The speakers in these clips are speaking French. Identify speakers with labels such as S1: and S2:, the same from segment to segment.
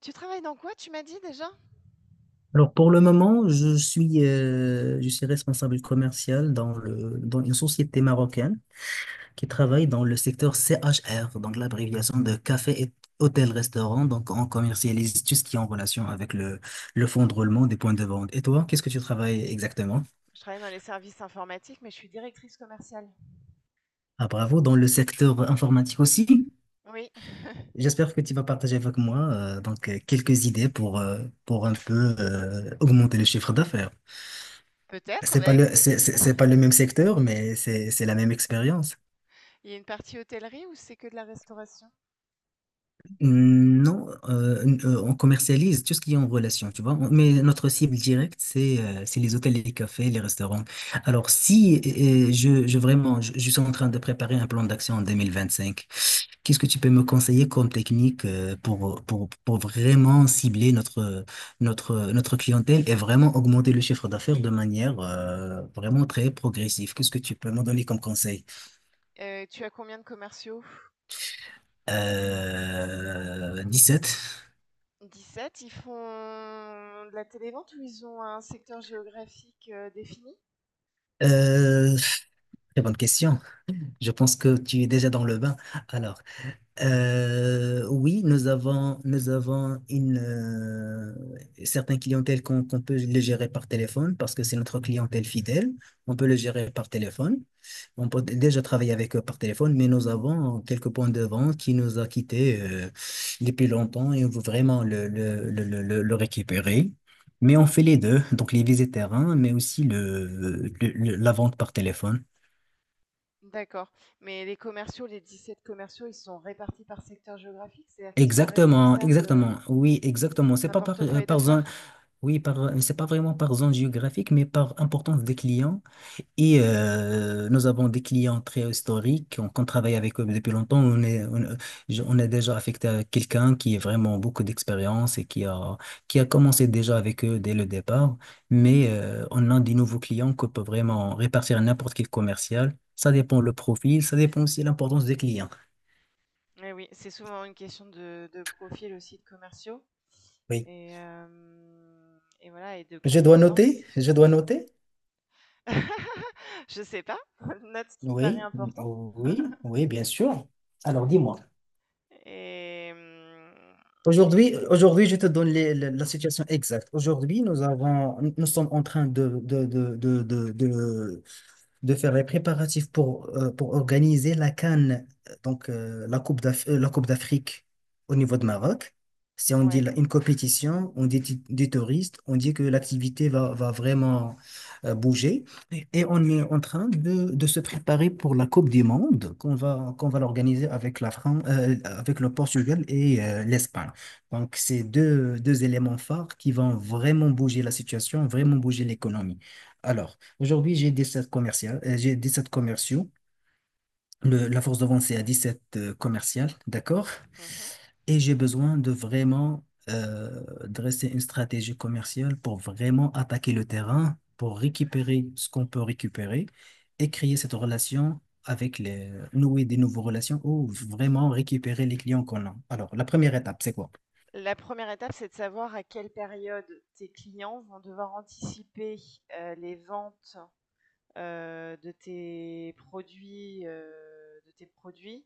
S1: Tu travailles dans quoi, tu m'as dit déjà?
S2: Alors pour le moment, je suis responsable commercial dans dans une société marocaine qui travaille dans le secteur CHR, donc l'abréviation de café et hôtel-restaurant. Donc on commercialise tout ce qui est en relation avec le fonds de roulement des points de vente. Et toi, qu'est-ce que tu travailles exactement?
S1: Je travaille dans les services informatiques, mais je suis directrice commerciale.
S2: Ah bravo, dans le secteur informatique aussi.
S1: Oui,
S2: J'espère que tu vas partager avec moi quelques idées pour un peu augmenter le chiffre d'affaires.
S1: peut-être, bah écoute,
S2: C'est pas le même secteur, mais c'est la même expérience.
S1: il y a une partie hôtellerie ou c'est que de la restauration?
S2: Non, n- On commercialise tout ce qui est en relation, tu vois. Mais notre cible directe, c'est les hôtels, les cafés, les restaurants. Alors, si je Vraiment, je suis en train de préparer un plan d'action en 2025. Qu'est-ce que tu peux me conseiller comme technique pour vraiment cibler notre clientèle et vraiment augmenter le chiffre d'affaires de manière vraiment très progressive? Qu'est-ce que tu peux me donner comme conseil?
S1: Tu as combien de commerciaux?
S2: Euh, sept.
S1: 17. Ils font de la télévente ou ils ont un secteur géographique défini?
S2: Euh, très bonne question. Je pense que tu es déjà dans le bain. Alors, oui, nous avons une certaines clientèles qu'on peut les gérer par téléphone parce que c'est notre clientèle fidèle. On peut les gérer par téléphone. On peut déjà travailler avec eux par téléphone, mais nous avons quelques points de vente qui nous a quittés depuis longtemps et on veut vraiment le récupérer. Mais on fait les deux, donc les visites terrain, mais aussi la vente par téléphone.
S1: D'accord. Mais les commerciaux, les 17 commerciaux, ils sont répartis par secteur géographique, c'est-à-dire qu'ils sont
S2: Exactement,
S1: responsables
S2: exactement, oui, exactement. C'est
S1: d'un
S2: pas par,
S1: portefeuille
S2: par zone.
S1: d'affaires.
S2: Oui, par, c'est pas vraiment par zone géographique, mais par importance des clients. Et nous avons des clients très historiques, qu'on travaille avec eux depuis longtemps. On est déjà affecté à quelqu'un qui a vraiment beaucoup d'expérience et qui a commencé déjà avec eux dès le départ. Mais on a des nouveaux clients qu'on peut vraiment répartir à n'importe quel commercial. Ça dépend le profil, ça dépend aussi de l'importance des clients.
S1: Eh oui, c'est souvent une question de profil aussi de commerciaux.
S2: Oui.
S1: Et hem et voilà et de
S2: Je dois
S1: compétences.
S2: noter, je dois noter.
S1: Je sais pas, note ce qui te paraît
S2: Oui,
S1: important
S2: oui, oui, bien sûr. Alors dis-moi.
S1: et mmh,
S2: Aujourd'hui, je te donne la situation exacte. Aujourd'hui, nous sommes en train de faire les préparatifs pour organiser la CAN, la Coupe d'Afrique au niveau de Maroc. Si on dit
S1: ouais.
S2: une compétition, on dit des touristes, on dit que l'activité va vraiment bouger. Et on est en train de se préparer pour la Coupe du Monde qu'on va l'organiser avec la France, avec le Portugal et l'Espagne. Donc, c'est deux éléments phares qui vont vraiment bouger la situation, vraiment bouger l'économie. Alors, aujourd'hui, j'ai 17 commerciales, j'ai sept commerciaux. Le- la force de vente, c'est à 17 commerciales, d'accord?
S1: Mmh.
S2: Et j'ai besoin de vraiment euh, dresser une stratégie commerciale pour vraiment attaquer le terrain, pour récupérer ce qu'on peut récupérer et créer cette relation avec les, nouer des nouvelles relations ou vraiment récupérer les clients qu'on a. Alors, la première étape, c'est quoi?
S1: La première étape, c'est de savoir à quelle période tes clients vont devoir anticiper, les ventes, de tes produits, de tes produits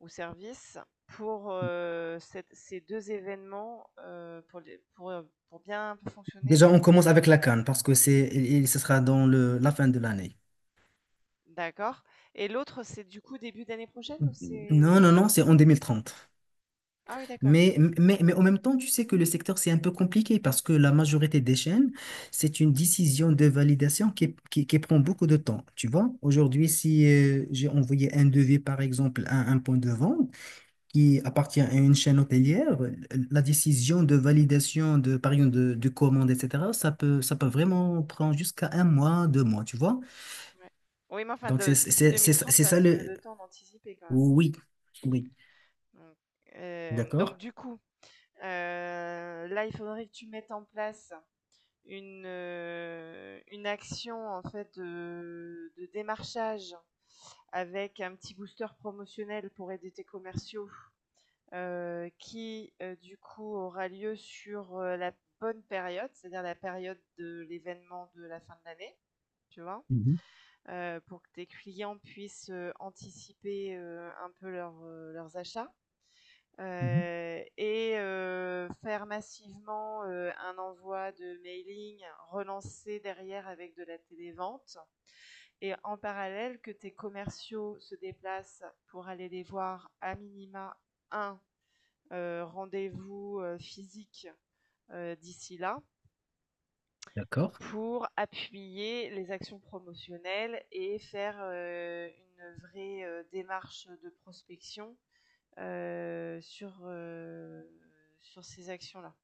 S1: ou services pour, cette ces 2 événements, pour bien fonctionner
S2: Déjà, on
S1: pendant
S2: commence
S1: ces 2
S2: avec la
S1: événements.
S2: CAN parce que et ce sera dans la fin de l'année.
S1: D'accord. Et l'autre, c'est du coup début d'année prochaine ou
S2: Non,
S1: c'est
S2: non, non, c'est en 2030.
S1: ah oui d'accord, mais c'est
S2: Mais en même temps, tu sais que le secteur, c'est un peu compliqué parce que la majorité des chaînes, c'est une décision de validation qui prend beaucoup de temps. Tu vois, aujourd'hui, si j'ai envoyé un devis, par exemple, à un point de vente qui appartient à une chaîne hôtelière, la décision de validation de, par exemple, de commande, etc., ça peut vraiment prendre jusqu'à 1 mois, 2 mois, tu vois.
S1: ouais. Oui, mais enfin
S2: Donc,
S1: de d'ici 2030,
S2: c'est
S1: tu as un
S2: ça
S1: petit peu
S2: le...
S1: de temps d'anticiper quand même.
S2: Oui, oui,
S1: Donc, hem, donc
S2: d'accord.
S1: du coup, là, il faudrait que tu mettes en place une action en fait de démarchage avec un petit booster promotionnel pour aider tes commerciaux. Du coup aura lieu sur, la bonne période, c'est-à-dire la période de l'événement de la fin de l'année, tu vois?
S2: Mhm,
S1: Pour que tes clients puissent, anticiper, un peu leurs, leurs achats,
S2: mhm.
S1: et faire massivement, un envoi de mailing, relancer derrière avec de la télévente et en parallèle que tes commerciaux se déplacent pour aller les voir à minima un rendez-vous physique d'ici là
S2: D'accord,
S1: pour appuyer les actions promotionnelles et faire une vraie démarche de prospection euh, sur, euh, sur ces actions-là.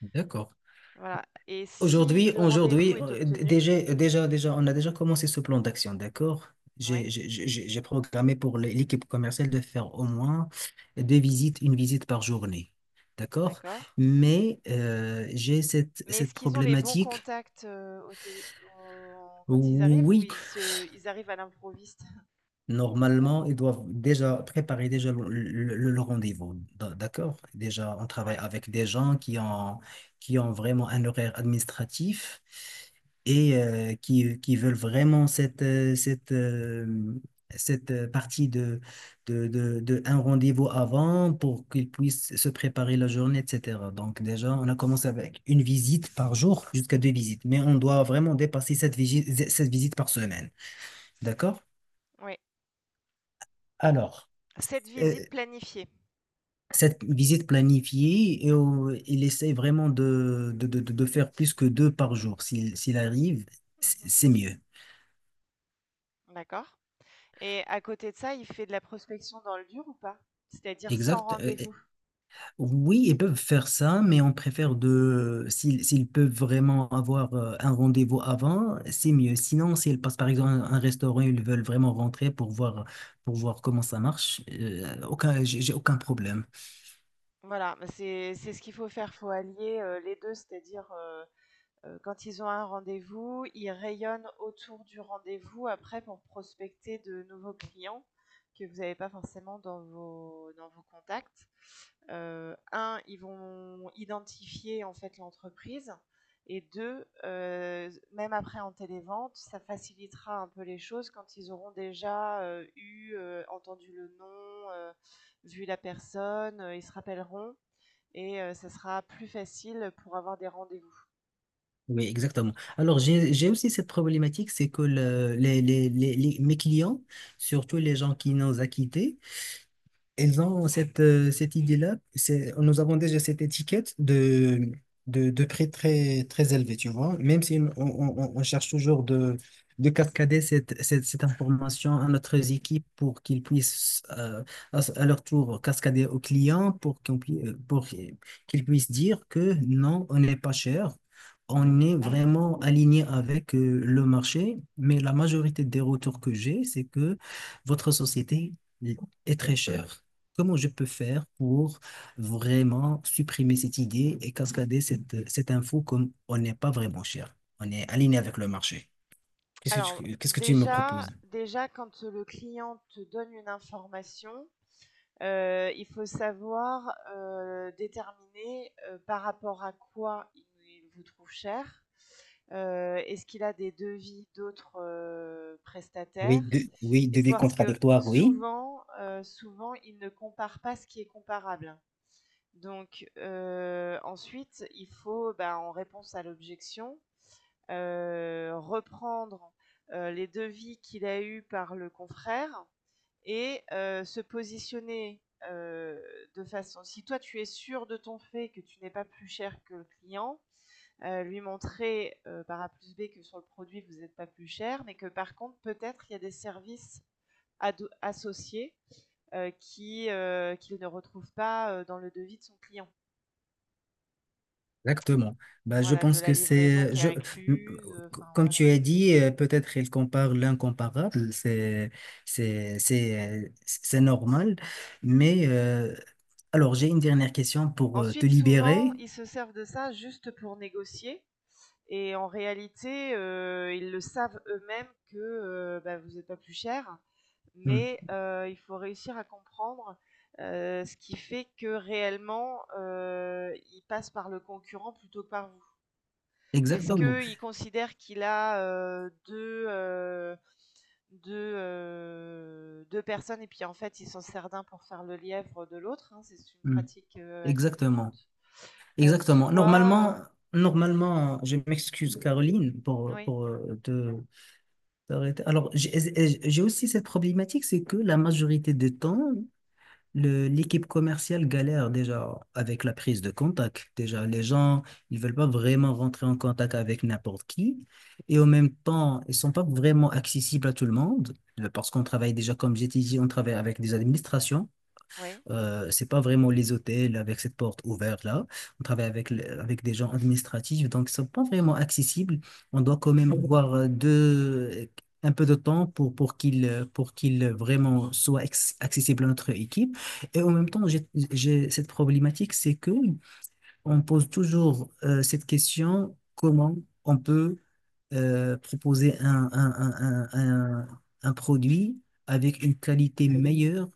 S2: d'accord.
S1: Voilà. Et si le rendez-vous
S2: Aujourd'hui,
S1: est obtenu,
S2: déjà, on a déjà commencé ce plan d'action, d'accord?
S1: oui,
S2: J'ai programmé pour l'équipe commerciale de faire au moins 2 visites, 1 visite par journée, d'accord?
S1: d'accord.
S2: Mais j'ai
S1: Mais
S2: cette
S1: est-ce qu'ils ont les bons
S2: problématique.
S1: contacts quand ils arrivent ou
S2: Oui,
S1: ils, se- ils arrivent à l'improviste.
S2: normalement, ils doivent déjà préparer déjà le rendez-vous, d'accord? Déjà, on travaille
S1: Oui,
S2: avec des gens qui ont vraiment un horaire administratif et qui veulent vraiment cette partie de un rendez-vous avant pour qu'ils puissent se préparer la journée, etc. Donc déjà, on a commencé avec 1 visite par jour jusqu'à 2 visites, mais on doit vraiment dépasser cette visite par semaine, d'accord?
S1: oui.
S2: Alors,
S1: Cette
S2: euh,
S1: visite planifiée.
S2: cette visite planifiée et il essaie vraiment faire plus que deux par jour. S'il arrive,
S1: Mhm.
S2: c'est mieux.
S1: D'accord. Et à côté de ça, il fait de la prospection dans le dur ou pas? C'est-à-dire sans
S2: Exact.
S1: rendez-vous?
S2: Oui, ils peuvent faire ça, mais on préfère de, s'ils peuvent vraiment avoir un rendez-vous avant, c'est mieux. Sinon, s'ils passent par exemple à un, restaurant, ils veulent vraiment rentrer pour voir comment ça marche, aucun, j'ai aucun problème.
S1: Voilà, bah, c'est ce qu'il faut faire. Faut allier, les 2, c'est-à-dire, quand ils ont un rendez-vous, ils rayonnent autour du rendez-vous après pour prospecter de nouveaux clients que vous n'avez pas forcément dans vos contacts. Un, ils vont identifier en fait l'entreprise. Et deux, même après en télévente, ça facilitera un peu les choses quand ils auront déjà entendu le nom, vu la personne, ils se rappelleront et ça sera plus facile pour avoir des rendez-vous.
S2: Oui, exactement. Alors, j'ai aussi cette problématique, c'est que mes clients, surtout les gens qui nous ont quittés, elles ont cette idée-là. C'est, nous avons déjà cette étiquette de prix très, très élevé, tu vois. Même si on cherche toujours de cascader cette information à notre équipe pour qu'ils puissent, à leur tour, cascader aux clients pour qu'ils puissent dire que non, on n'est pas cher. On est vraiment aligné avec le marché, mais la majorité des retours que j'ai, c'est que votre société est très chère. Comment je peux faire pour vraiment supprimer cette idée et cascader cette info comme on n'est pas vraiment cher? On est aligné avec le marché.
S1: Alors
S2: Qu'est-ce que tu me
S1: déjà,
S2: proposes?
S1: déjà quand le client te donne une information, il faut savoir déterminer par rapport à quoi il vous trouve cher. Est-ce qu'il a des devis d'autres prestataires?
S2: Oui,
S1: Et
S2: devis
S1: parce que
S2: contradictoire, oui.
S1: souvent, souvent, il ne compare pas ce qui est comparable. Donc ensuite, il faut, bah, en réponse à l'objection, reprendre les devis qu'il a eus par le confrère et se positionner euh, de façon. Si toi tu es sûr de ton fait que tu n'es pas plus cher que le client, lui montrer par A plus B que sur le produit vous n'êtes pas plus cher, mais que par contre peut-être il y a des services associés qui qu'il ne retrouve pas dans le devis de son client.
S2: Exactement. Bah, je
S1: Voilà, de
S2: pense
S1: la
S2: que
S1: livraison
S2: c'est,
S1: qui est
S2: je, m-
S1: incluse.
S2: c-
S1: Enfin
S2: comme
S1: voilà.
S2: tu as dit, peut-être il compare l'incomparable, c'est normal. Mais alors, j'ai une dernière question pour te
S1: Ensuite, souvent,
S2: libérer.
S1: ils se servent de ça juste pour négocier. Et en réalité, ils le savent eux-mêmes que bah, vous n'êtes pas plus cher,
S2: Mm.
S1: mais il faut réussir à comprendre ce qui fait que réellement, il passe par le concurrent plutôt que par vous. Est-ce
S2: Exactement.
S1: qu'il considère qu'il a deux, deux personnes et puis en fait, il s'en sert d'un pour faire le lièvre de l'autre hein, c'est une
S2: Mm.
S1: pratique assez
S2: Exactement.
S1: courante. Euh,
S2: Exactement.
S1: soit... euh,
S2: Normalement, normalement, je m'excuse, Caroline,
S1: oui,
S2: pour te t'arrêter. Alors, j'ai aussi cette problématique, c'est que la majorité des temps, l'équipe commerciale galère déjà avec la prise de contact. Déjà, les gens, ils veulent pas vraiment rentrer en contact avec n'importe qui. Et en même temps, ils sont pas vraiment accessibles à tout le monde. Euh, parce qu'on travaille déjà, comme j'ai dit, on travaille avec des administrations.
S1: oui.
S2: C'est pas vraiment les hôtels avec cette porte ouverte là. On travaille avec, avec des gens administratifs, donc ils sont pas vraiment accessibles. On doit quand même avoir un peu de temps pour, pour qu'ils vraiment soient accessibles à notre équipe. Et en même temps, j'ai cette problématique, c'est que on pose toujours cette question, comment on peut proposer un produit avec une qualité meilleure,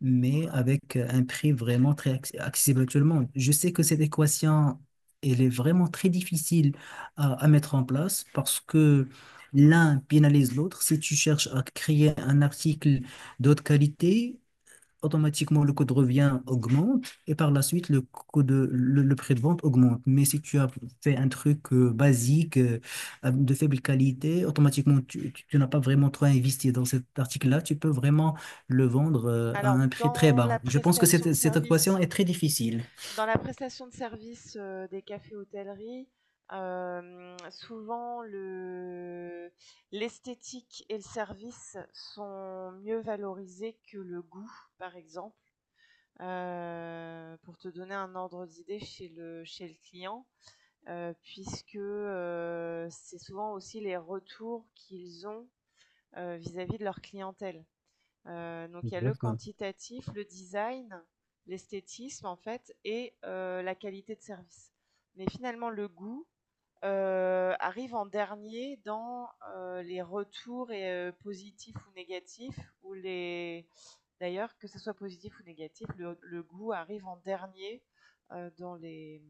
S2: mais avec un prix vraiment très accessible à tout le monde. Je sais que cette équation, elle est vraiment très difficile à mettre en place parce que l'un pénalise l'autre. Si tu cherches à créer un article d'autre qualité, automatiquement le code revient augmente et par la suite le prix de vente augmente. Mais si tu as fait un truc basique de faible qualité, automatiquement tu n'as pas vraiment trop investi dans cet article-là, tu peux vraiment le vendre à
S1: Alors
S2: un prix très
S1: dans la
S2: bas. Je pense que
S1: prestation de
S2: cette équation
S1: service
S2: est très difficile.
S1: des cafés-hôtelleries, hem, souvent le l'esthétique et le service sont mieux valorisés que le goût, par exemple. Pour te donner un ordre d'idée chez le client, puisque, c'est souvent aussi les retours qu'ils ont, vis-à-vis de leur clientèle. Donc il y a le
S2: Exactement.
S1: quantitatif, le design, l'esthétisme en fait et la qualité de service. Mais finalement le goût, arrive en dernier dans, les retours et positifs ou négatifs ou les d'ailleurs que ce soit positif ou négatif, le goût arrive en dernier, dans les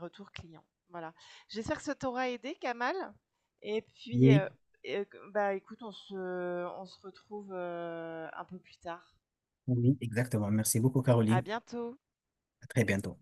S1: retours clients. Voilà. J'espère que ça t'aura aidé Kamal et puis,
S2: Oui,
S1: et bah, écoute on se retrouve, un peu plus tard.
S2: oui, exactement. Merci beaucoup,
S1: À
S2: Caroline.
S1: bientôt.
S2: À très bientôt.